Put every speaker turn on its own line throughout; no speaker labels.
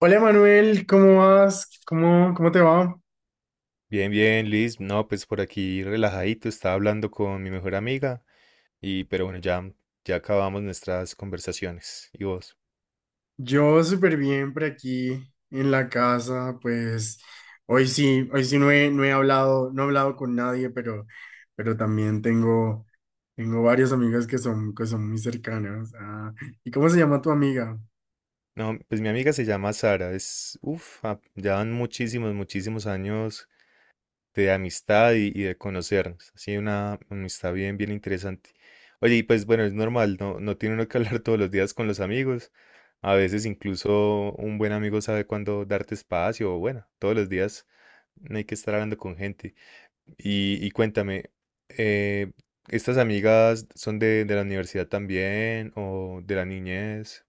Hola Manuel, ¿cómo vas? ¿Cómo te va?
Bien, bien, Liz. No, pues por aquí relajadito, estaba hablando con mi mejor amiga y pero bueno, ya acabamos nuestras conversaciones. ¿Y vos?
Yo súper bien por aquí en la casa, pues hoy sí no he hablado con nadie, pero también tengo varias amigas que son muy cercanas. Ah, ¿y cómo se llama tu amiga?
No, pues mi amiga se llama Sara, es, uff, ya van muchísimos, muchísimos años de amistad y de conocernos. Así una amistad bien, bien interesante. Oye, y pues bueno, es normal, no tiene uno que hablar todos los días con los amigos. A veces incluso un buen amigo sabe cuándo darte espacio, o bueno, todos los días no hay que estar hablando con gente. Y cuéntame, eh, ¿estas amigas son de la universidad también o de la niñez?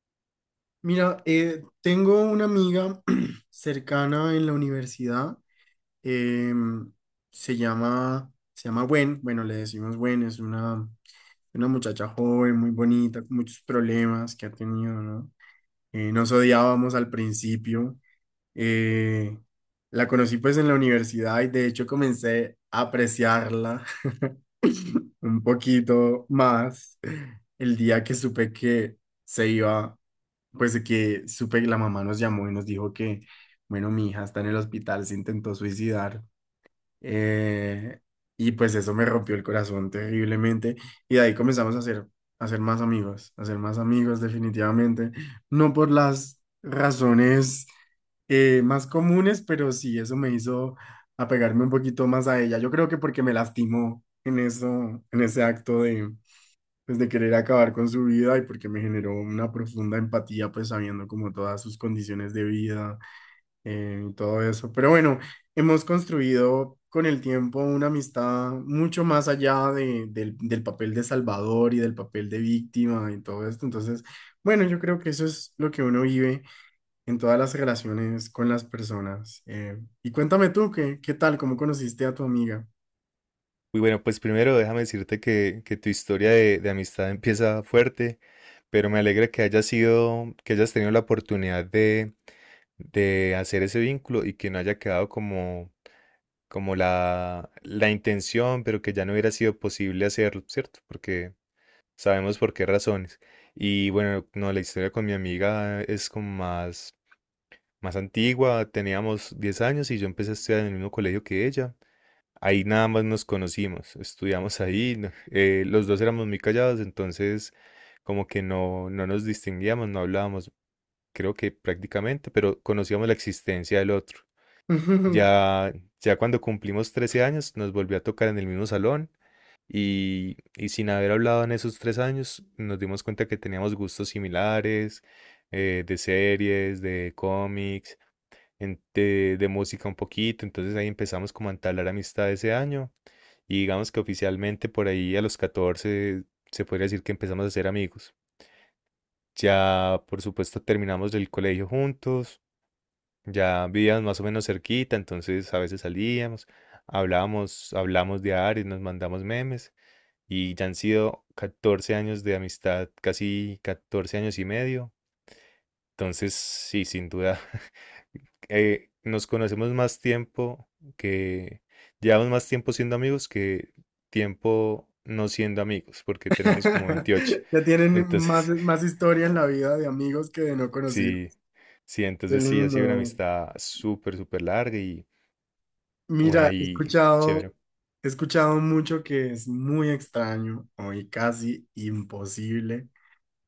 Mira, tengo una amiga cercana en la universidad, em, se llama, se llama Gwen, bueno, le decimos Gwen, es una... Una muchacha joven, muy bonita, con muchos problemas que ha tenido, ¿no? Nos odiábamos al principio. eh, la conocí pues en la universidad y de hecho comencé a apreciarla un poquito más el día que supe que se iba, pues que supe que la mamá nos llamó y nos dijo que, bueno, mi hija está en el hospital, se intentó suicidar. Eh, y pues eso me rompió el corazón terriblemente. Y de ahí comenzamos a ser más amigos, a ser más amigos definitivamente. No por las razones más comunes, pero sí eso me hizo apegarme un poquito más a ella. Yo creo que porque me lastimó en eso, en ese acto de, pues, de querer acabar con su vida y porque me generó una profunda empatía, pues sabiendo como todas sus condiciones de vida y todo eso. Pero bueno, hemos construido con el tiempo una amistad mucho más allá del papel de salvador y del papel de víctima y todo esto. Entonces, bueno, yo creo que eso es lo que uno vive en todas las relaciones con las personas. Y cuéntame tú, ¿qué tal? ¿Cómo conociste a tu amiga?
Uy, bueno, pues primero déjame decirte que tu historia de amistad empieza fuerte, pero me alegra que hayas tenido la oportunidad de hacer ese vínculo y que no haya quedado como la intención, pero que ya no hubiera sido posible hacerlo, ¿cierto? Porque sabemos por qué razones. Y bueno, no, la historia con mi amiga es como más antigua, teníamos 10 años y yo empecé a estudiar en el mismo colegio que ella. Ahí nada más nos conocimos, estudiamos ahí, los dos éramos muy callados, entonces como que no nos distinguíamos, no hablábamos, creo que prácticamente, pero conocíamos la existencia del otro. Ya, ya cuando cumplimos 13 años nos volvió a tocar en el mismo salón y sin haber hablado en esos 3 años nos dimos cuenta que teníamos gustos similares, de series, de cómics de música un poquito, entonces ahí empezamos como a entablar amistad ese año y digamos que oficialmente por ahí a los 14 se podría decir que empezamos a ser amigos. Ya por supuesto terminamos el colegio juntos, ya vivíamos más o menos cerquita, entonces a veces salíamos, hablábamos, hablamos diario, nos mandamos memes y ya han sido 14 años de amistad, casi 14 años y medio, entonces sí, sin duda. Nos conocemos más tiempo que llevamos más tiempo siendo amigos que tiempo no siendo amigos, porque tenemos como 28.
Ya tienen más,
Entonces,
más historia en la vida de amigos que de no conocidos.
sí, sí,
Qué
entonces sí, ha sido una
lindo.
amistad súper, súper larga y bueno,
Mira,
ahí, chévere.
he escuchado mucho que es muy extraño o y casi imposible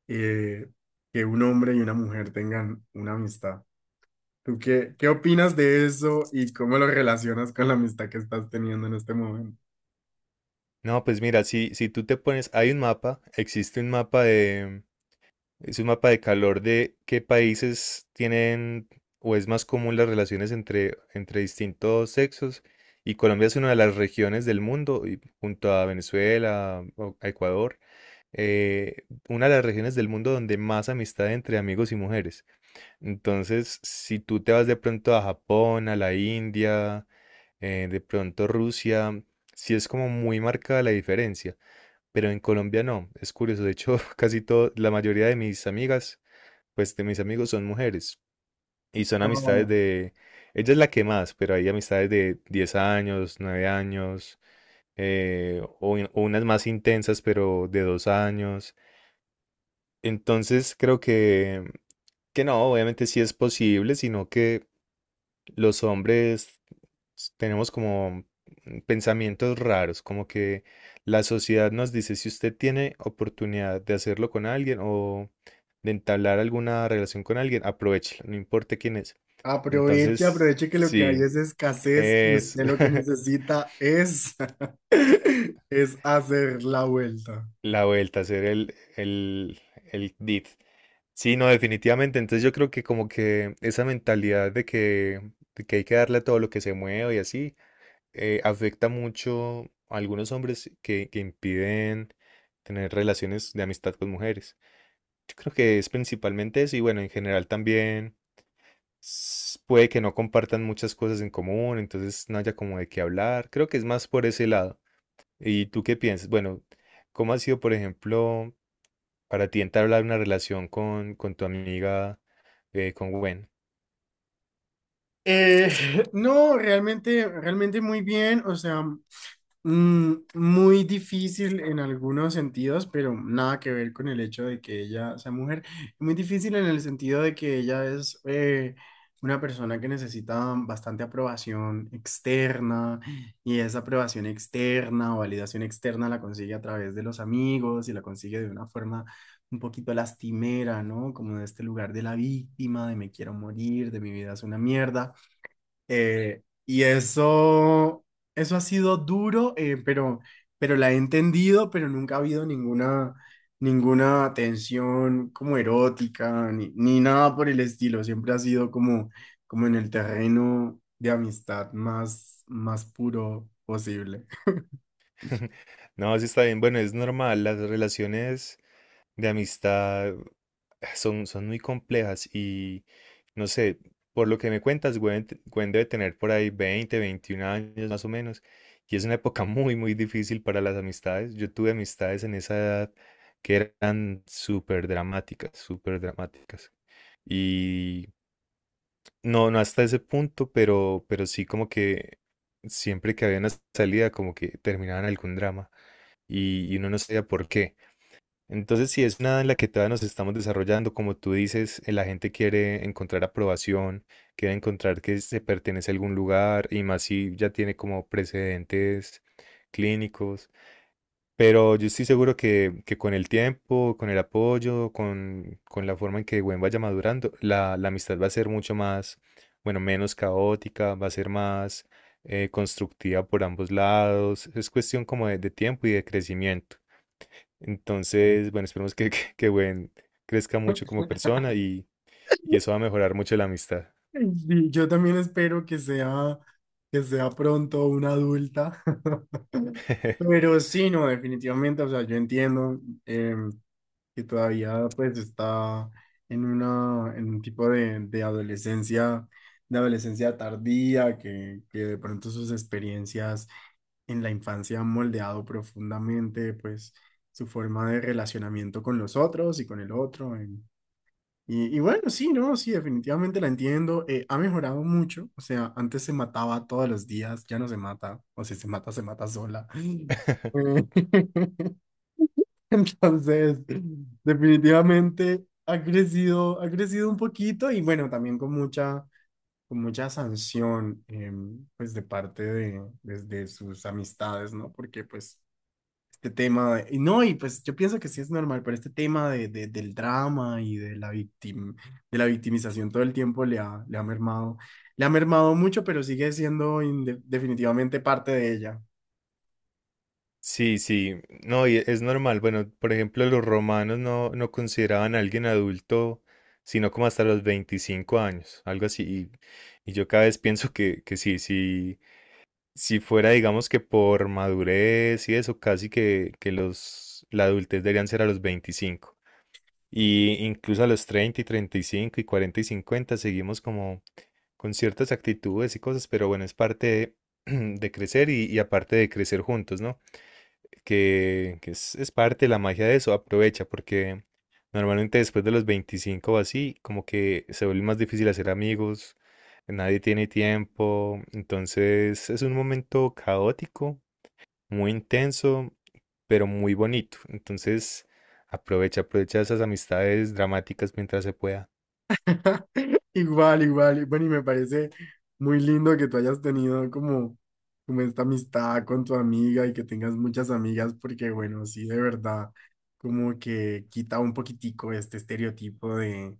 eh, que un hombre y una mujer tengan una amistad. ¿Tú qué opinas de eso y cómo lo relacionas con la amistad que estás teniendo en este momento?
No, pues mira, si tú te pones, existe un mapa de, es un mapa de calor de qué países tienen o es más común las relaciones entre distintos sexos. Y Colombia es una de las regiones del mundo, y junto a Venezuela, o a Ecuador, una de las regiones del mundo donde más amistad entre amigos y mujeres. Entonces, si tú te vas de pronto a Japón, a la India, de pronto Rusia, sí es como muy marcada la diferencia. Pero en Colombia no, es curioso. De hecho, la mayoría de mis amigas pues de mis amigos son mujeres y son amistades
No,
de, ella es la que más, pero hay amistades de 10 años, 9 años, o unas más intensas, pero de 2 años. Entonces creo que no, obviamente sí es posible, sino que los hombres tenemos como pensamientos raros, como que la sociedad nos dice si usted tiene oportunidad de hacerlo con alguien o de entablar alguna relación con alguien, aprovéchela, no importa quién es.
aproveche,
Entonces,
aproveche que lo que hay
sí,
es escasez y
es
usted lo que necesita es, es hacer la vuelta.
la vuelta, hacer el, el dit. Sí, no, definitivamente. Entonces yo creo que como que esa mentalidad de que hay que darle a todo lo que se mueve y así, afecta mucho a algunos hombres que impiden tener relaciones de amistad con mujeres. Yo creo que es principalmente eso y bueno, en general también puede que no compartan muchas cosas en común, entonces no haya como de qué hablar. Creo que es más por ese lado. ¿Y tú qué piensas? Bueno, ¿cómo ha sido, por ejemplo, para ti entablar una relación con tu amiga, con Gwen?
Eh, no, realmente, realmente muy bien. O sea, mm, muy difícil en algunos sentidos, pero nada que ver con el hecho de que ella sea mujer. Muy difícil en el sentido de que ella es una persona que necesita bastante aprobación externa y esa aprobación externa o validación externa la consigue a través de los amigos y la consigue de una forma un poquito lastimera, ¿no? Como de este lugar de la víctima, de me quiero morir, de mi vida es una mierda. Y eso, eso ha sido duro, pero la he entendido, pero nunca ha habido ninguna tensión como erótica, ni, ni nada por el estilo. Siempre ha sido como, como en el terreno de amistad más, más puro posible.
No, sí está bien. Bueno, es normal. Las relaciones de amistad son muy complejas y no sé, por lo que me cuentas, Gwen, debe tener por ahí 20 21 años más o menos. Y es una época muy, muy difícil para las amistades. Yo tuve amistades en esa edad que eran súper dramáticas, súper dramáticas. Y no hasta ese punto, pero sí como que siempre que había una salida, como que terminaban algún drama y uno no sabía por qué. Entonces, si es una en la que todavía nos estamos desarrollando, como tú dices, la gente quiere encontrar aprobación, quiere encontrar que se pertenece a algún lugar y más si ya tiene como precedentes clínicos. Pero yo estoy seguro que con el tiempo, con el apoyo, con la forma en que Gwen vaya madurando, la amistad va a ser mucho más, bueno, menos caótica, va a ser más constructiva por ambos lados. Es cuestión como de tiempo y de crecimiento. Entonces, bueno, esperemos que Gwen crezca mucho como persona y eso va a mejorar mucho la amistad.
Sí, yo también espero que sea pronto una adulta. Pero sí, no, definitivamente, o sea, yo entiendo. Que todavía pues está en una, en un tipo de adolescencia, de adolescencia tardía, que de pronto sus experiencias en la infancia han moldeado profundamente pues su forma de relacionamiento con los otros y con el otro. Y, y bueno, sí, no, sí, definitivamente la entiendo. Ha mejorado mucho, o sea, antes se mataba todos los días, ya no se mata, o si se mata, se mata sola. Eh, entonces, definitivamente ha crecido un poquito y bueno, también con mucha sanción, pues de parte de sus amistades, ¿no? Porque pues este tema, de- y no, y pues yo pienso que sí es normal, pero este tema del drama y de la de la victimización todo el tiempo le ha mermado mucho, pero sigue siendo definitivamente parte de ella.
Sí, sí, no, y es normal. Bueno, por ejemplo, los romanos no consideraban a alguien adulto sino como hasta los 25 años, algo así. Y yo cada vez pienso que sí, sí si fuera, digamos que por madurez y eso, casi que la adultez deberían ser a los 25. Y incluso a los 30 y 35 y 40 y 50 seguimos como con ciertas actitudes y cosas, pero bueno, es parte de, de crecer y aparte de crecer juntos, ¿no? Que es, parte de la magia de eso, aprovecha, porque normalmente después de los 25 o así, como que se vuelve más difícil hacer amigos, nadie tiene tiempo, entonces es un momento caótico, muy intenso, pero muy bonito, entonces aprovecha, aprovecha esas amistades dramáticas mientras se pueda.
Igual, igual. Y bueno, y me parece muy lindo que tú hayas tenido como, como esta amistad con tu amiga y que tengas muchas amigas, porque bueno, sí, de verdad, como que quita un poquitico este estereotipo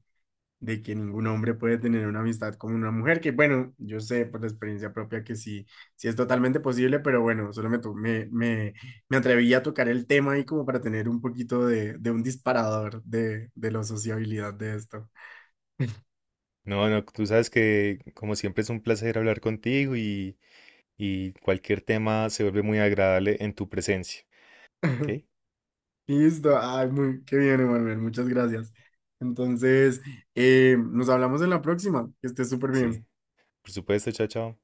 de que ningún hombre puede tener una amistad con una mujer, que bueno, yo sé por la experiencia propia que sí, sí es totalmente posible, pero bueno, solo me, to- me, me, me atreví a tocar el tema ahí como para tener un poquito de un disparador de la sociabilidad de esto.
No, no, tú sabes que como siempre es un placer hablar contigo y cualquier tema se vuelve muy agradable en tu presencia. ¿Ok?
Listo, ay, muy, qué bien, Emanuel, muchas gracias. Entonces, nos hablamos en la próxima, que estés súper
Sí.
bien.
Por supuesto, chao, chao.